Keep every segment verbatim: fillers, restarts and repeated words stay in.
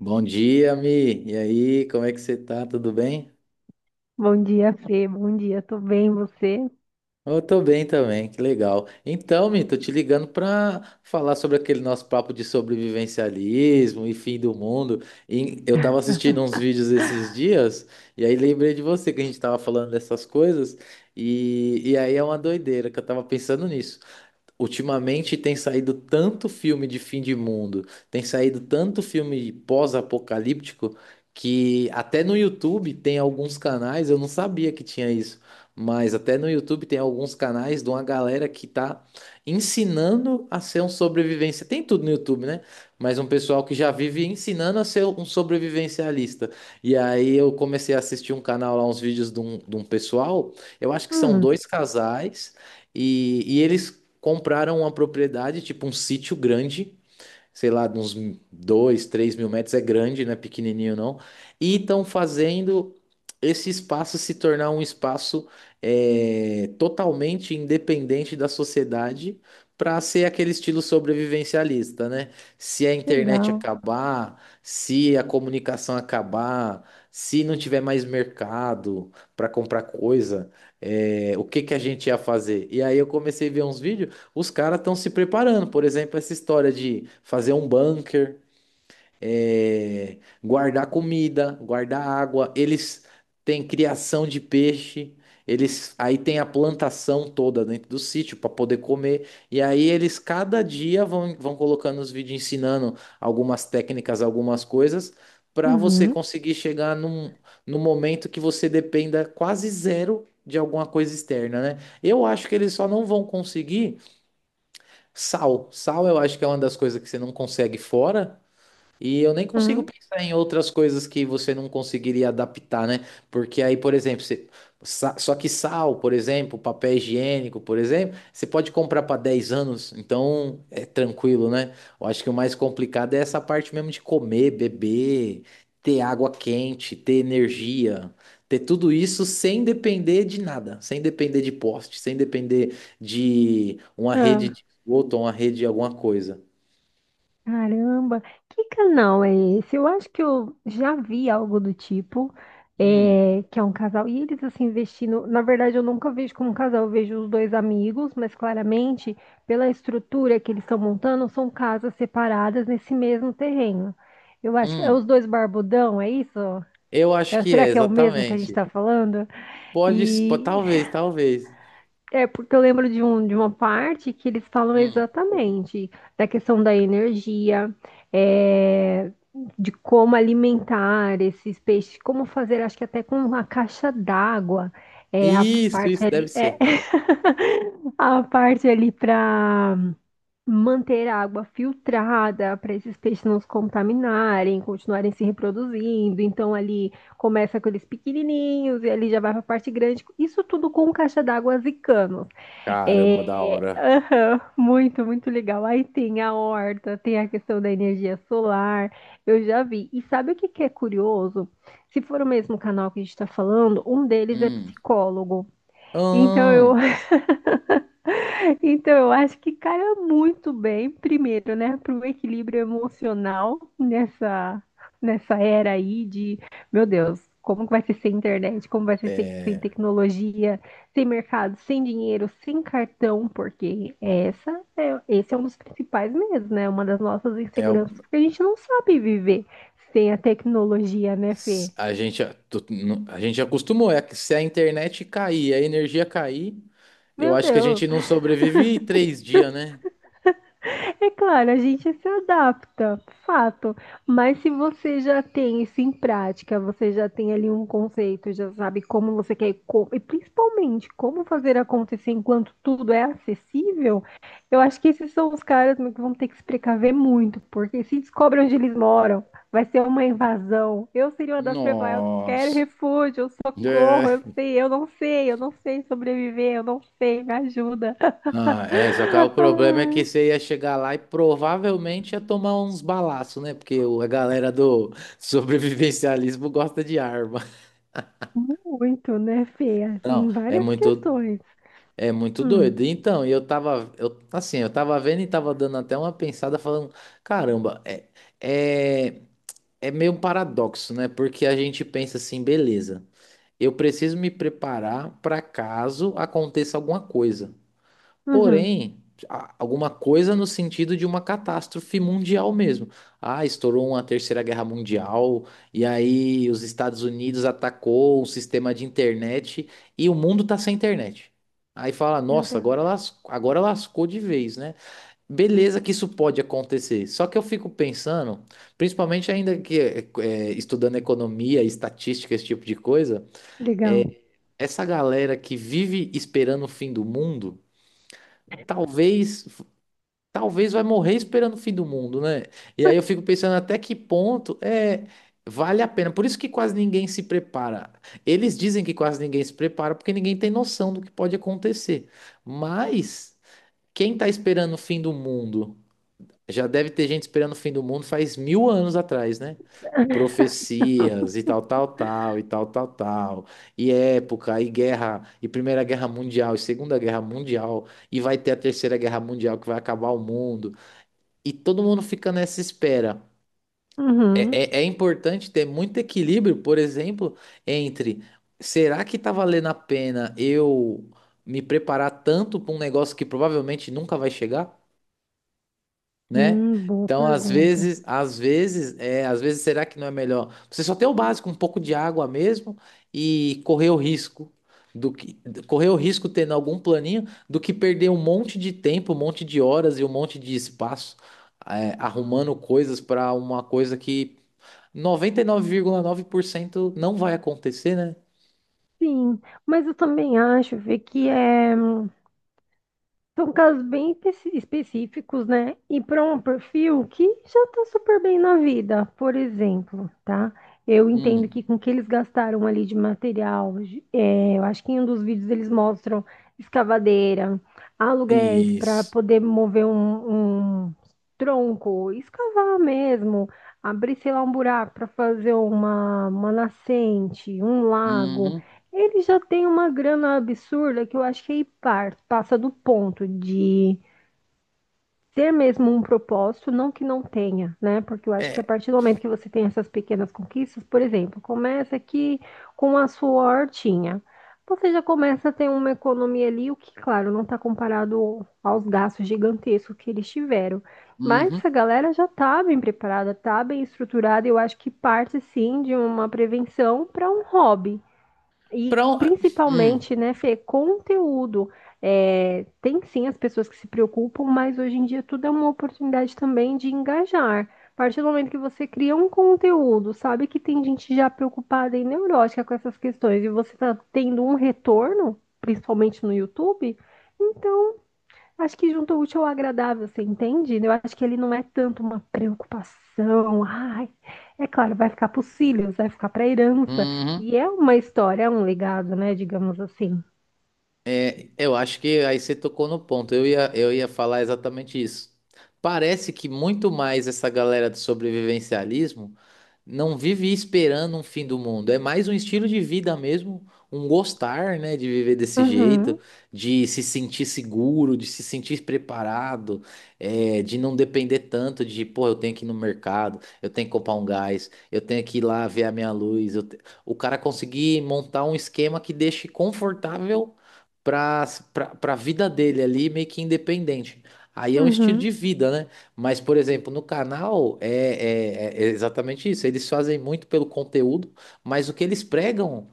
Bom dia, Mi. E aí, como é que você tá? Tudo bem? Bom dia, Fê. Bom dia, tô bem, você? Eu tô bem também, que legal. Então, Mi, tô te ligando pra falar sobre aquele nosso papo de sobrevivencialismo e fim do mundo. E eu tava assistindo uns vídeos esses dias, e aí lembrei de você que a gente tava falando dessas coisas, e, e aí é uma doideira que eu tava pensando nisso. Ultimamente tem saído tanto filme de fim de mundo, tem saído tanto filme pós-apocalíptico, que até no YouTube tem alguns canais, eu não sabia que tinha isso, mas até no YouTube tem alguns canais de uma galera que tá ensinando a ser um sobrevivência. Tem tudo no YouTube, né? Mas um pessoal que já vive ensinando a ser um sobrevivencialista. E aí eu comecei a assistir um canal lá, uns vídeos de um, de um pessoal, eu acho que são Hum, dois casais. E, e eles compraram uma propriedade, tipo um sítio grande, sei lá, de uns dois três mil metros, é grande, não é pequenininho não, e estão fazendo esse espaço se tornar um espaço é, totalmente independente da sociedade para ser aquele estilo sobrevivencialista, né? Se a internet legal. acabar, se a comunicação acabar, se não tiver mais mercado para comprar coisa, é, o que que a gente ia fazer? E aí eu comecei a ver uns vídeos, os caras estão se preparando, por exemplo, essa história de fazer um bunker, eh, guardar comida, guardar água. Eles têm criação de peixe, eles aí tem a plantação toda dentro do sítio para poder comer. E aí eles cada dia vão, vão colocando os vídeos ensinando algumas técnicas, algumas coisas, para você Uhum, conseguir chegar num, num momento que você dependa quase zero de alguma coisa externa, né? Eu acho que eles só não vão conseguir. Sal. Sal eu acho que é uma das coisas que você não consegue fora. E eu nem consigo hum, pensar em outras coisas que você não conseguiria adaptar, né? Porque aí, por exemplo, você- sa- só que sal, por exemplo, papel higiênico, por exemplo, você pode comprar para dez anos, então é tranquilo, né? Eu acho que o mais complicado é essa parte mesmo de comer, beber, ter água quente, ter energia, ter tudo isso sem depender de nada, sem depender de poste, sem depender de uma rede ah, de esgoto ou uma rede de alguma coisa. caramba, que canal é esse? Eu acho que eu já vi algo do tipo, Hum, é, que é um casal, e eles assim vestindo. Na verdade, eu nunca vejo como um casal, eu vejo os dois amigos, mas claramente, pela estrutura que eles estão montando, são casas separadas nesse mesmo terreno. Eu acho que é hum. os dois barbudão, é isso? Eu acho É- que é, Será que é o mesmo que a gente exatamente. está falando? Pode, s- po- E talvez, talvez. É, porque eu lembro de, um, de uma parte que eles falam Hum. exatamente da questão da energia, é, de como alimentar esses peixes, como fazer, acho que até com uma caixa d'água, é, a Isso, parte isso deve ali, é, ser. a parte ali para manter a água filtrada, para esses peixes não se contaminarem, continuarem se reproduzindo. Então ali começa com eles pequenininhos e ali já vai para a parte grande. Isso tudo com caixa d'água e canos. Caramba, da É, hora. aham, muito, muito legal. Aí tem a horta, tem a questão da energia solar, eu já vi. E sabe o que que é curioso? Se for o mesmo canal que a gente está falando, um deles é Hum. psicólogo. Então eu Hum. Então, eu acho que calha muito bem, primeiro, né, para o equilíbrio emocional nessa, nessa era aí de, meu Deus, como que vai ser sem internet, como vai ser sem, sem É, tecnologia, sem mercado, sem dinheiro, sem cartão, porque essa é, esse é um dos principais medos, né, uma das nossas é, inseguranças, o- porque a gente não sabe viver sem a tecnologia, né, s- Fê? a gente, a tu- nu- a gente acostumou, é que se a internet cair, a energia cair, eu Meu acho que a Deus. gente não sobrevive três dias, né? É claro, a gente se adapta, fato. Mas se você já tem isso em prática, você já tem ali um conceito, já sabe como você quer, co- e principalmente como fazer acontecer enquanto tudo é acessível, eu acho que esses são os caras que vão ter que se precaver muito, porque se descobre onde eles moram, vai ser uma invasão. Eu seria uma das que primeiras, eu quero Nossa. refúgio, eu socorro, eu sei, eu não sei, eu não sei sobreviver, eu não sei, me ajuda. Ah, é, só que aí o problema é que você ia chegar lá e provavelmente ia tomar uns balaços, né? Porque o- a galera do sobrevivencialismo gosta de arma. Muito, né, Fê? Assim, Não, em é várias muito, questões. é muito Hum, doido. Então, e eu tava, eu, assim, eu tava vendo e tava dando até uma pensada falando, caramba, é, é, é meio um paradoxo, né? Porque a gente pensa assim, beleza, eu preciso me preparar para caso aconteça alguma coisa. uhum. Porém, a- alguma coisa no sentido de uma catástrofe mundial mesmo. Ah, estourou uma Terceira Guerra Mundial, e aí os Estados Unidos atacou o sistema de internet e o mundo tá sem internet. Aí fala, Meu nossa, Deus. agora las- agora lascou de vez, né? Beleza que isso pode acontecer. Só que eu fico pensando, principalmente ainda que é, estudando economia, estatística, esse tipo de coisa, Legal. é, essa galera que vive esperando o fim do mundo, talvez talvez vai morrer esperando o fim do mundo, né? E aí eu fico pensando até que ponto é vale a pena. Por isso que quase ninguém se prepara. Eles dizem que quase ninguém se prepara porque ninguém tem noção do que pode acontecer. Mas quem tá esperando o fim do mundo? Já deve ter gente esperando o fim do mundo faz mil anos atrás, né? Profecias e tal, tal, tal, e tal, tal, tal, e época, e guerra, e Primeira Guerra Mundial, e Segunda Guerra Mundial, e vai ter a Terceira Guerra Mundial que vai acabar o mundo e todo mundo fica nessa espera. Uhum. É, é, é importante ter muito equilíbrio, por exemplo, entre, será que tá valendo a pena eu me preparar tanto para um negócio que provavelmente nunca vai chegar? Né? Hum, boa Então, às pergunta. vezes, às vezes, é, às vezes, será que não é melhor você só ter o básico, um pouco de água mesmo e correr o risco, do que correr o risco tendo algum planinho, do que perder um monte de tempo, um monte de horas e um monte de espaço é, arrumando coisas para uma coisa que noventa e nove nove vírgula nove por cento não vai acontecer, né? Sim, mas eu também acho, Fê, que é. São casos bem espe- específicos, né? E para um perfil que já está super bem na vida, por exemplo, tá? Eu entendo que Hum, com o que eles gastaram ali de material, de- é, eu acho que em um dos vídeos eles mostram escavadeira, aluguéis para isso. poder mover um, um tronco, escavar mesmo, abrir, sei lá, um buraco para fazer uma, uma nascente, um lago. Uhum. Ele já tem uma grana absurda que eu acho que é par, passa do ponto de ter mesmo um propósito, não que não tenha, né? Porque eu acho que a É. partir do momento que você tem essas pequenas conquistas, por exemplo, começa aqui com a sua hortinha. Você já começa a ter uma economia ali, o que, claro, não está comparado aos gastos gigantescos que eles tiveram. Mas Uhum. essa galera já está bem preparada, está bem estruturada. Eu acho que parte sim de uma prevenção para um hobby. E Pra um- Hum. principalmente, né, Fê, conteúdo. É, tem sim as pessoas que se preocupam, mas hoje em dia tudo é uma oportunidade também de engajar. A partir do momento que você cria um conteúdo, sabe que tem gente já preocupada e neurótica com essas questões, e você está tendo um retorno, principalmente no YouTube, então acho que junto ao útil ao agradável, você entende? Eu acho que ele não é tanto uma preocupação. Ai, é claro, vai ficar para os filhos, vai ficar para a herança. Uhum. E é uma história, é um legado, né? Digamos assim. É, eu acho que aí você tocou no ponto. Eu ia, eu ia falar exatamente isso. Parece que muito mais essa galera do sobrevivencialismo não vive esperando um fim do mundo. É mais um estilo de vida mesmo, um gostar, né, de viver desse jeito, Uhum, de se sentir seguro, de se sentir preparado, é, de não depender tanto de, pô, eu tenho que ir no mercado, eu tenho que comprar um gás, eu tenho que ir lá ver a minha luz. eu te- O cara conseguir montar um esquema que deixe confortável para para a vida dele ali, meio que independente. Aí é um estilo uhum, de vida, né? Mas, por exemplo, no canal é, é- é exatamente isso. Eles fazem muito pelo conteúdo, mas o que eles pregam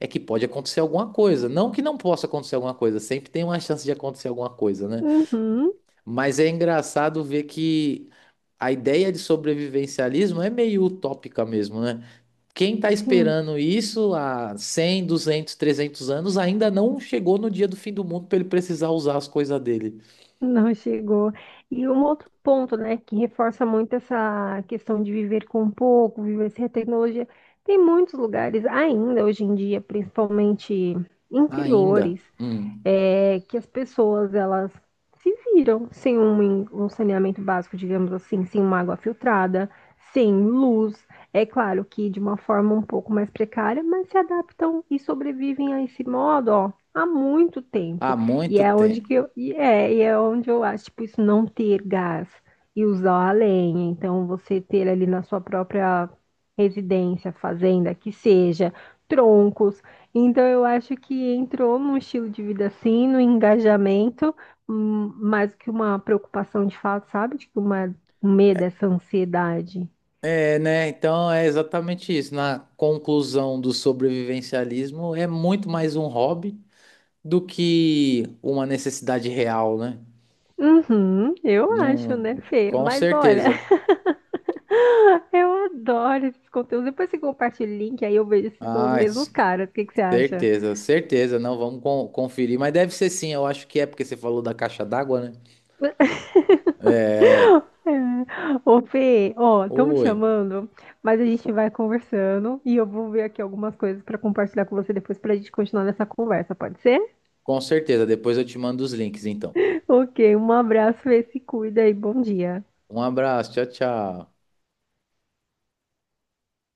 é que pode acontecer alguma coisa. Não que não possa acontecer alguma coisa, sempre tem uma chance de acontecer alguma coisa, né? uhum. Mas é engraçado ver que a ideia de sobrevivencialismo é meio utópica mesmo, né? Quem tá Sim, esperando isso há cem duzentos trezentos anos ainda não chegou no dia do fim do mundo para ele precisar usar as coisas dele. não chegou. E um outro ponto, né, que reforça muito essa questão de viver com pouco, viver sem a tecnologia. Tem muitos lugares ainda hoje em dia, principalmente Ainda. interiores Hum. é que as pessoas elas se viram sem um, um saneamento básico, digamos assim, sem uma água filtrada, sem luz. É claro que de uma forma um pouco mais precária, mas se adaptam e sobrevivem a esse modo, ó, há muito Há tempo. E muito é onde tempo. que eu, e é, e é onde eu acho, tipo, isso não ter gás e usar a lenha. Então, você ter ali na sua própria residência, fazenda, que seja, troncos então, eu acho que entrou num estilo de vida assim, no engajamento, hum, mais que uma preocupação de fato, sabe? Tipo, uma, um medo, essa ansiedade. É, né? Então é exatamente isso. Na conclusão do sobrevivencialismo, é muito mais um hobby do que uma necessidade real, né? Uhum, eu acho, Não, né, Fê? com Mas olha, certeza. eu adoro esses conteúdos. Depois você compartilha o link, aí eu vejo se são os Ah, mesmos s- caras. O que que você acha? certeza, certeza. Não, vamos con- conferir. Mas deve ser sim, eu acho que é porque você falou da caixa d'água, né? É. É. Ô, Fê, ó, estão me Oi, chamando, mas a gente vai conversando e eu vou ver aqui algumas coisas pra compartilhar com você depois pra gente continuar nessa conversa, pode ser? com certeza. Depois eu te mando os links, então. Ok, um abraço, e se cuida e bom dia. Um abraço, tchau, tchau.